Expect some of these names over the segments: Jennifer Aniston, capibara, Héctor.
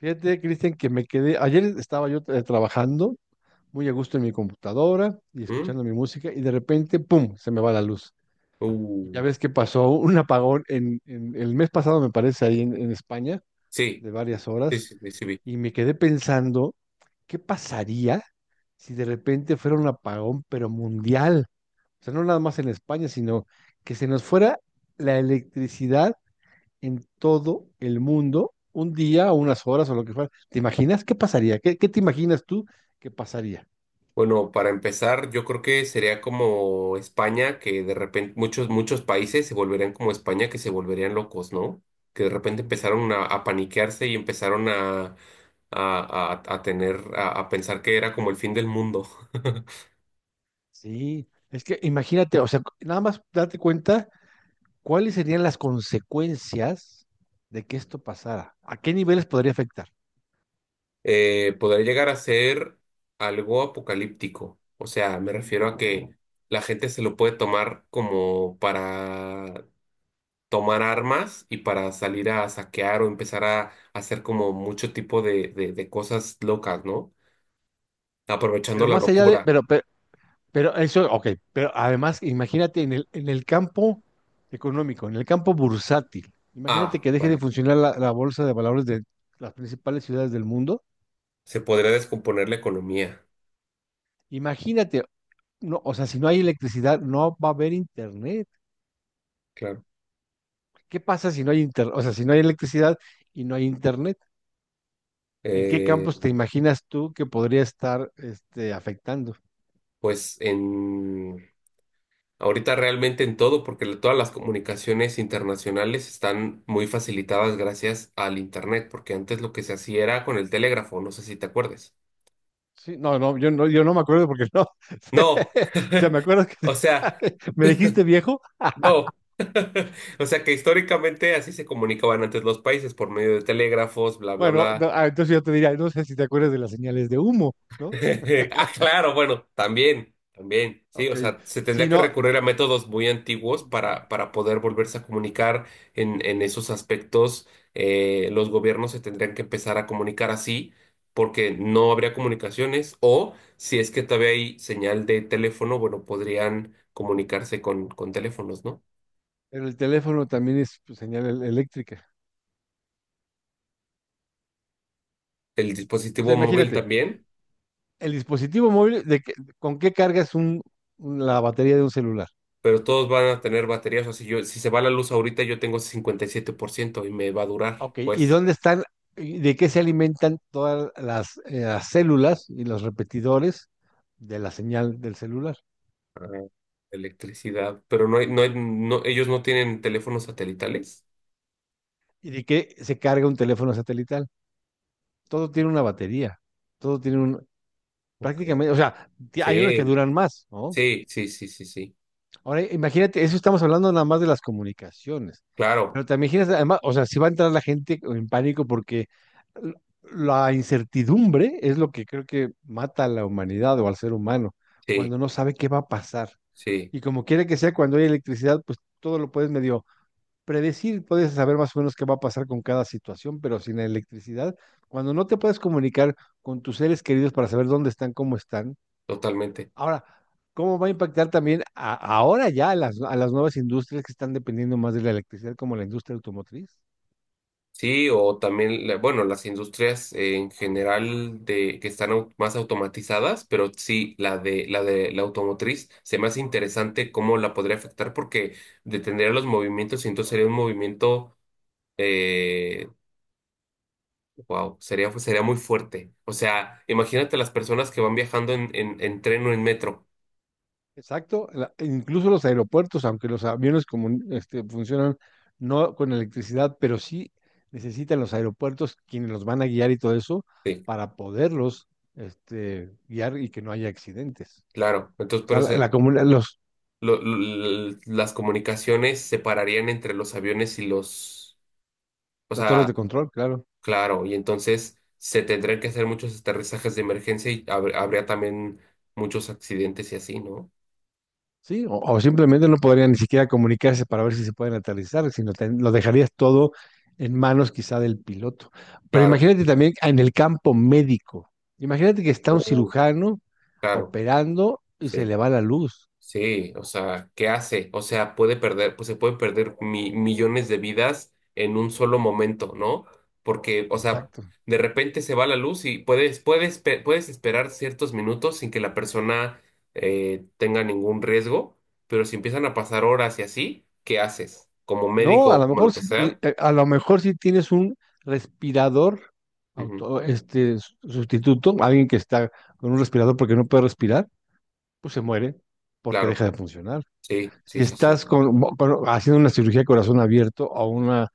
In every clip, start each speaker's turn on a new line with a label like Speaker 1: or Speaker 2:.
Speaker 1: Fíjate, Cristian, que me quedé, ayer estaba yo trabajando muy a gusto en mi computadora y
Speaker 2: ¿Mm?
Speaker 1: escuchando mi música y de repente, ¡pum!, se me va la luz. Y ya
Speaker 2: Uh,
Speaker 1: ves que pasó un apagón el mes pasado, me parece, ahí en España,
Speaker 2: sí,
Speaker 1: de varias
Speaker 2: sí,
Speaker 1: horas,
Speaker 2: sí, sí, sí vi.
Speaker 1: y me quedé pensando, ¿qué pasaría si de repente fuera un apagón, pero mundial? O sea, no nada más en España, sino que se nos fuera la electricidad en todo el mundo, un día o unas horas o lo que fuera. ¿Te imaginas qué pasaría? ¿Qué te imaginas tú que pasaría?
Speaker 2: Bueno, para empezar, yo creo que sería como España, que de repente muchos, muchos países se volverían como España, que se volverían locos, ¿no? Que de repente empezaron a paniquearse y empezaron a tener, a pensar que era como el fin del mundo.
Speaker 1: Sí, es que imagínate, o sea, nada más date cuenta cuáles serían las consecuencias de que esto pasara, a qué niveles podría afectar.
Speaker 2: Podría llegar a ser algo apocalíptico. O sea, me refiero a que la gente se lo puede tomar como para tomar armas y para salir a saquear o empezar a hacer como mucho tipo de cosas locas, ¿no? Aprovechando
Speaker 1: Pero
Speaker 2: la
Speaker 1: más allá de,
Speaker 2: locura.
Speaker 1: pero eso, ok, pero además imagínate en el campo económico, en el campo bursátil. Imagínate
Speaker 2: Ah,
Speaker 1: que deje de
Speaker 2: vale.
Speaker 1: funcionar la bolsa de valores de las principales ciudades del mundo.
Speaker 2: Se podría descomponer la economía,
Speaker 1: Imagínate. No, o sea, si no hay electricidad, no va a haber internet.
Speaker 2: claro.
Speaker 1: ¿Qué pasa si no hay internet? O sea, si no hay electricidad y no hay internet, ¿en qué
Speaker 2: Eh,
Speaker 1: campos te imaginas tú que podría estar este, afectando?
Speaker 2: pues en ahorita realmente en todo, porque todas las comunicaciones internacionales están muy facilitadas gracias al internet, porque antes lo que se hacía era con el telégrafo, no sé si te acuerdes.
Speaker 1: Sí, yo no me acuerdo porque no.
Speaker 2: No,
Speaker 1: O sea, me acuerdo que
Speaker 2: o sea.
Speaker 1: me dijiste viejo.
Speaker 2: No. O sea que históricamente así se comunicaban antes los países por medio de telégrafos, bla, bla,
Speaker 1: Bueno,
Speaker 2: bla.
Speaker 1: no, ah, entonces yo te diría, no sé si te acuerdas de las señales de humo, ¿no?
Speaker 2: Ah, claro, bueno, también, también. Sí, o
Speaker 1: Ok.
Speaker 2: sea, se tendría
Speaker 1: Si
Speaker 2: que
Speaker 1: no,
Speaker 2: recurrir a métodos muy antiguos para poder volverse a comunicar en esos aspectos. Los gobiernos se tendrían que empezar a comunicar así porque no habría comunicaciones o si es que todavía hay señal de teléfono, bueno, podrían comunicarse con teléfonos, ¿no?
Speaker 1: pero el teléfono también es pues, señal eléctrica.
Speaker 2: El
Speaker 1: O sea,
Speaker 2: dispositivo móvil
Speaker 1: imagínate,
Speaker 2: también.
Speaker 1: el dispositivo móvil, ¿con qué cargas la batería de un celular?
Speaker 2: Pero todos van a tener baterías. O sea, si se va la luz ahorita, yo tengo 57% y siete por ciento y me va a durar,
Speaker 1: Ok, ¿y
Speaker 2: pues,
Speaker 1: dónde están, y de qué se alimentan todas las células y los repetidores de la señal del celular?
Speaker 2: ah, electricidad. Pero no, ellos no tienen teléfonos satelitales.
Speaker 1: ¿Y de qué se carga un teléfono satelital? Todo tiene una batería, todo tiene un,
Speaker 2: Ok.
Speaker 1: prácticamente, o sea, ti- hay unos que
Speaker 2: Sí,
Speaker 1: duran más, ¿no?
Speaker 2: sí, sí, sí, sí, sí.
Speaker 1: Ahora, imagínate, eso estamos hablando nada más de las comunicaciones,
Speaker 2: Claro,
Speaker 1: pero te imaginas, además, o sea, si va a entrar la gente en pánico porque l- la incertidumbre es lo que creo que mata a la humanidad o al ser humano,
Speaker 2: sí,
Speaker 1: cuando no sabe qué va a pasar.
Speaker 2: sí,
Speaker 1: Y como quiera que sea, cuando hay electricidad, pues todo lo puedes medio predecir, puedes saber más o menos qué va a pasar con cada situación, pero sin la electricidad, cuando no te puedes comunicar con tus seres queridos para saber dónde están, cómo están.
Speaker 2: totalmente.
Speaker 1: Ahora, ¿cómo va a impactar también ahora ya a a las nuevas industrias que están dependiendo más de la electricidad, como la industria automotriz?
Speaker 2: Sí, o también, bueno, las industrias en general de que están más automatizadas, pero sí, la de la automotriz se me hace interesante cómo la podría afectar porque detendría los movimientos y entonces sería un movimiento, eh, wow, sería muy fuerte. O sea, imagínate las personas que van viajando en tren o en metro.
Speaker 1: Exacto, incluso los aeropuertos, aunque los aviones este, funcionan no con electricidad, pero sí necesitan los aeropuertos quienes los van a guiar y todo eso
Speaker 2: Sí,
Speaker 1: para poderlos este, guiar y que no haya accidentes.
Speaker 2: claro. Entonces,
Speaker 1: O sea,
Speaker 2: las comunicaciones se pararían entre los aviones y los, o
Speaker 1: las torres
Speaker 2: sea.
Speaker 1: de control, claro.
Speaker 2: Claro, y entonces se tendrían que hacer muchos aterrizajes de emergencia y habría también muchos accidentes y así, ¿no?
Speaker 1: Sí, o simplemente no podrían ni siquiera comunicarse para ver si se pueden aterrizar, sino lo dejarías todo en manos quizá del piloto. Pero
Speaker 2: Claro,
Speaker 1: imagínate también en el campo médico. Imagínate que está un
Speaker 2: Uh,
Speaker 1: cirujano
Speaker 2: claro,
Speaker 1: operando y se
Speaker 2: sí,
Speaker 1: le va la luz.
Speaker 2: sí, o sea, ¿qué hace? O sea, pues se puede perder millones de vidas en un solo momento, ¿no? Porque, o sea,
Speaker 1: Exacto.
Speaker 2: de repente se va la luz y puedes esperar ciertos minutos sin que la persona tenga ningún riesgo, pero si empiezan a pasar horas y así, ¿qué haces? Como
Speaker 1: No,
Speaker 2: médico
Speaker 1: a
Speaker 2: o
Speaker 1: lo
Speaker 2: como lo
Speaker 1: mejor
Speaker 2: que
Speaker 1: sí,
Speaker 2: sea.
Speaker 1: a lo mejor sí tienes un respirador
Speaker 2: Ujú,
Speaker 1: este sustituto, alguien que está con un respirador porque no puede respirar, pues se muere porque deja
Speaker 2: claro,
Speaker 1: de funcionar.
Speaker 2: sí,
Speaker 1: Si
Speaker 2: sí, sí, sí.
Speaker 1: estás haciendo una cirugía de corazón abierto o una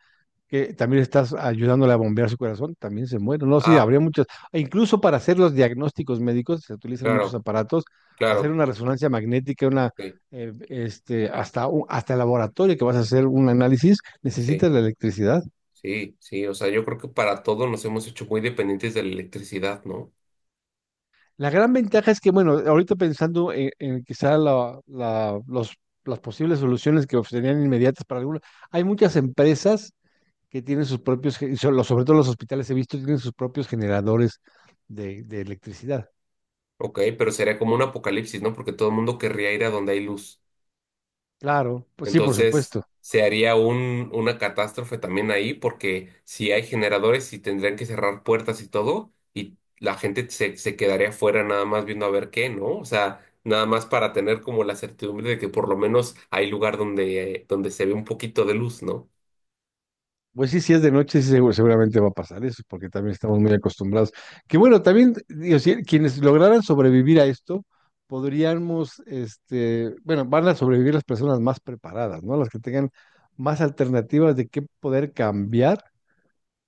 Speaker 1: que también estás ayudándole a bombear su corazón, también se muere. No, sí,
Speaker 2: Ah,
Speaker 1: habría muchas. E incluso para hacer los diagnósticos médicos se utilizan muchos
Speaker 2: claro,
Speaker 1: aparatos, hacer
Speaker 2: claro,
Speaker 1: una resonancia magnética, una
Speaker 2: sí,
Speaker 1: este, hasta, hasta el laboratorio que vas a hacer un análisis, necesitas
Speaker 2: sí,
Speaker 1: la electricidad.
Speaker 2: sí, sí. O sea, yo creo que para todo nos hemos hecho muy dependientes de la electricidad, ¿no?
Speaker 1: La gran ventaja es que, bueno, ahorita pensando en quizá los, las posibles soluciones que serían inmediatas para algunos, hay muchas empresas que tienen sus propios, sobre todo los hospitales he visto, tienen sus propios generadores de electricidad.
Speaker 2: Ok, pero sería como un apocalipsis, ¿no? Porque todo el mundo querría ir a donde hay luz.
Speaker 1: Claro, pues sí, por
Speaker 2: Entonces,
Speaker 1: supuesto.
Speaker 2: se haría un, una catástrofe también ahí, porque si hay generadores y tendrían que cerrar puertas y todo, y la gente se quedaría afuera nada más viendo a ver qué, ¿no? O sea, nada más para tener como la certidumbre de que por lo menos hay lugar donde, donde se ve un poquito de luz, ¿no?
Speaker 1: Pues sí, si es de noche, sí, seguramente va a pasar eso, porque también estamos muy acostumbrados. Que bueno, también, digo, si- quienes lograran sobrevivir a esto, podríamos, este, bueno, van a sobrevivir las personas más preparadas, ¿no? Las que tengan más alternativas de qué poder cambiar,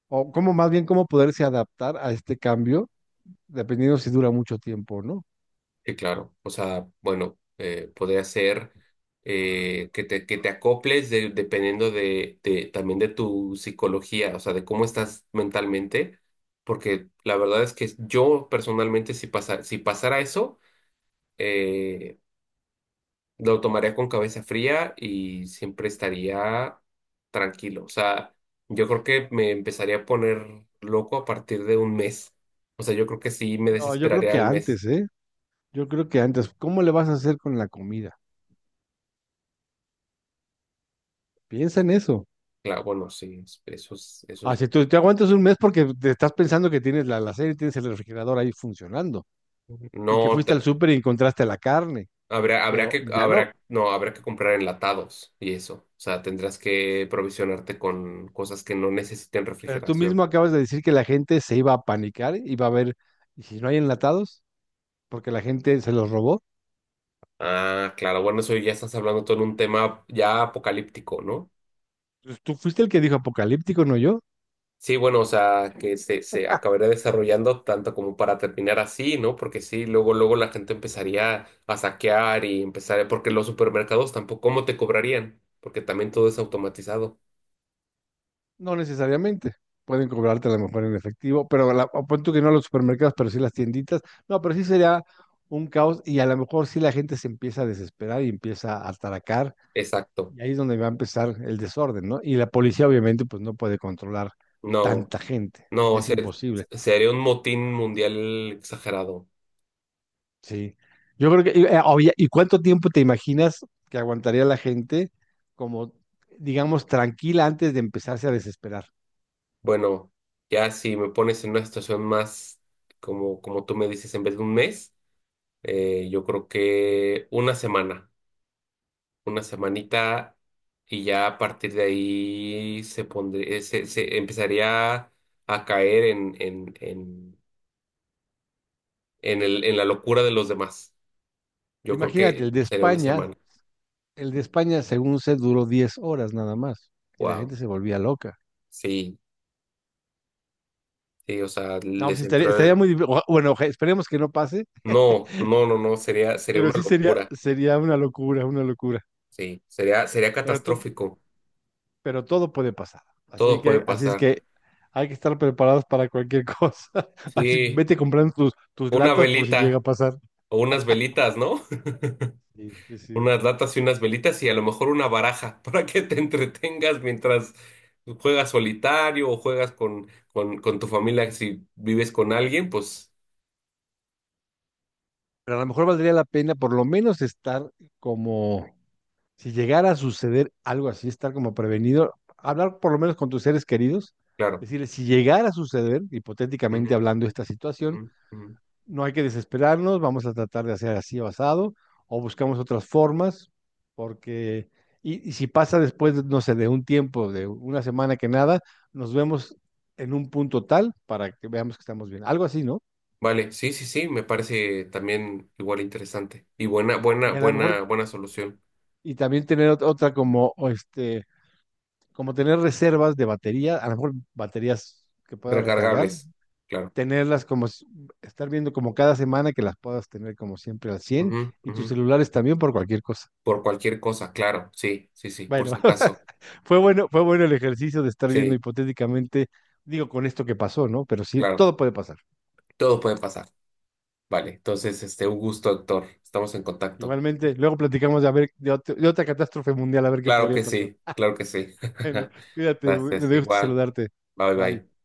Speaker 1: o cómo más bien cómo poderse adaptar a este cambio, dependiendo si dura mucho tiempo o no.
Speaker 2: Sí, claro. O sea, bueno, podría ser que te, dependiendo también de tu psicología, o sea, de cómo estás mentalmente, porque la verdad es que yo personalmente si pasara eso, eh, lo tomaría con cabeza fría y siempre estaría tranquilo. O sea, yo creo que me empezaría a poner loco a partir de un mes. O sea, yo creo que sí me
Speaker 1: No, yo creo
Speaker 2: desesperaría
Speaker 1: que
Speaker 2: al mes.
Speaker 1: antes, ¿eh? Yo creo que antes, ¿cómo le vas a hacer con la comida? Piensa en eso.
Speaker 2: Claro, bueno, sí, eso
Speaker 1: Ah,
Speaker 2: es
Speaker 1: si tú te aguantas un mes porque te estás pensando que tienes la y tienes el refrigerador ahí funcionando y que
Speaker 2: No,
Speaker 1: fuiste
Speaker 2: te-
Speaker 1: al súper y encontraste la carne,
Speaker 2: habrá, habrá
Speaker 1: pero
Speaker 2: que,
Speaker 1: ya no.
Speaker 2: habrá, no, habrá que comprar enlatados y eso. O sea, tendrás que provisionarte con cosas que no necesiten
Speaker 1: Pero tú
Speaker 2: refrigeración.
Speaker 1: mismo acabas de decir que la gente se iba a panicar, iba a ver, ¿y si no hay enlatados? Porque la gente se los robó.
Speaker 2: Ah, claro, bueno, eso ya estás hablando todo en un tema ya apocalíptico, ¿no?
Speaker 1: Pues tú fuiste el que dijo apocalíptico, no yo.
Speaker 2: Sí, bueno, o sea, que se acabaría desarrollando tanto como para terminar así, ¿no? Porque sí, luego, luego la gente empezaría a saquear y empezar, porque los supermercados tampoco, ¿cómo te cobrarían? Porque también todo es automatizado.
Speaker 1: No necesariamente. Pueden cobrarte a lo mejor en efectivo, pero la, o pon tú que no los supermercados, pero sí las tienditas. No, pero sí sería un caos y a lo mejor sí la gente se empieza a desesperar y empieza a ataracar
Speaker 2: Exacto.
Speaker 1: y ahí es donde va a empezar el desorden, ¿no? Y la policía obviamente pues no puede controlar
Speaker 2: No.
Speaker 1: tanta gente.
Speaker 2: No,
Speaker 1: Es
Speaker 2: se-
Speaker 1: imposible.
Speaker 2: sería un motín mundial exagerado.
Speaker 1: Sí. Yo creo que, oye, ¿y cuánto tiempo te imaginas que aguantaría la gente como, digamos, tranquila antes de empezarse a desesperar?
Speaker 2: Bueno, ya si me pones en una situación más como, como tú me dices, en vez de un mes, yo creo que una semana, una semanita y ya a partir de ahí se, se empezaría a caer en el, en la locura de los demás. Yo creo
Speaker 1: Imagínate,
Speaker 2: que
Speaker 1: el de
Speaker 2: sería una
Speaker 1: España
Speaker 2: semana.
Speaker 1: El de España, según sé, duró 10 horas nada más y la
Speaker 2: Wow.
Speaker 1: gente se volvía loca.
Speaker 2: Sí, sí, o sea,
Speaker 1: No, pues sí,
Speaker 2: les
Speaker 1: estaría,
Speaker 2: entró.
Speaker 1: estaría muy... difí- oja- Bueno, oja- esperemos que no pase,
Speaker 2: No, no, no, no, sería
Speaker 1: pero
Speaker 2: una
Speaker 1: sí sería,
Speaker 2: locura.
Speaker 1: sería una locura, una locura.
Speaker 2: Sí, sería
Speaker 1: Pero, to-
Speaker 2: catastrófico.
Speaker 1: pero todo puede pasar. Así
Speaker 2: Todo puede
Speaker 1: que, así es
Speaker 2: pasar.
Speaker 1: que hay que estar preparados para cualquier cosa. Así,
Speaker 2: Sí,
Speaker 1: vete comprando tus
Speaker 2: una
Speaker 1: latas por si llega
Speaker 2: velita
Speaker 1: a pasar.
Speaker 2: o unas velitas, ¿no?
Speaker 1: Sí, sí, sí.
Speaker 2: Unas latas y unas velitas y a lo mejor una baraja para que te entretengas mientras juegas solitario o juegas con, con tu familia. Si vives con alguien, pues
Speaker 1: Pero a lo mejor valdría la pena por lo menos estar como si llegara a suceder algo así, estar como prevenido, hablar por lo menos con tus seres queridos,
Speaker 2: claro.
Speaker 1: decirles, si llegara a suceder, hipotéticamente
Speaker 2: Ujú,
Speaker 1: hablando esta situación,
Speaker 2: ujú, ujú.
Speaker 1: no hay que desesperarnos, vamos a tratar de hacer así o asado, o buscamos otras formas, porque, y si pasa después, no sé, de un tiempo, de una semana que nada, nos vemos en un punto tal para que veamos que estamos bien, algo así, ¿no?
Speaker 2: Vale, sí, sí, sí, me parece también igual interesante. Y buena, buena,
Speaker 1: Y a lo mejor,
Speaker 2: buena, buena solución.
Speaker 1: y también tener otra como, o este, como tener reservas de batería, a lo mejor baterías que puedas recargar,
Speaker 2: Recargables, claro.
Speaker 1: tenerlas como, s- estar viendo como cada semana que las puedas tener como siempre al
Speaker 2: Ujú,
Speaker 1: cien y
Speaker 2: ujú.
Speaker 1: tus celulares también por cualquier cosa.
Speaker 2: Por cualquier cosa, claro, sí, sí, sí, por si
Speaker 1: Bueno,
Speaker 2: acaso.
Speaker 1: fue bueno el ejercicio de estar viendo
Speaker 2: Sí,
Speaker 1: hipotéticamente, digo, con esto que pasó, ¿no? Pero sí,
Speaker 2: claro,
Speaker 1: todo puede pasar.
Speaker 2: todo puede pasar. Vale, entonces, este, un gusto, Héctor. Estamos en contacto.
Speaker 1: Igualmente, luego platicamos de, a ver, de, de otra catástrofe mundial, a ver qué
Speaker 2: Claro
Speaker 1: podría
Speaker 2: que
Speaker 1: pasar.
Speaker 2: sí, claro que sí.
Speaker 1: Bueno, cuídate,
Speaker 2: Gracias,
Speaker 1: me gusta
Speaker 2: igual.
Speaker 1: saludarte.
Speaker 2: Bye, bye.
Speaker 1: Bye.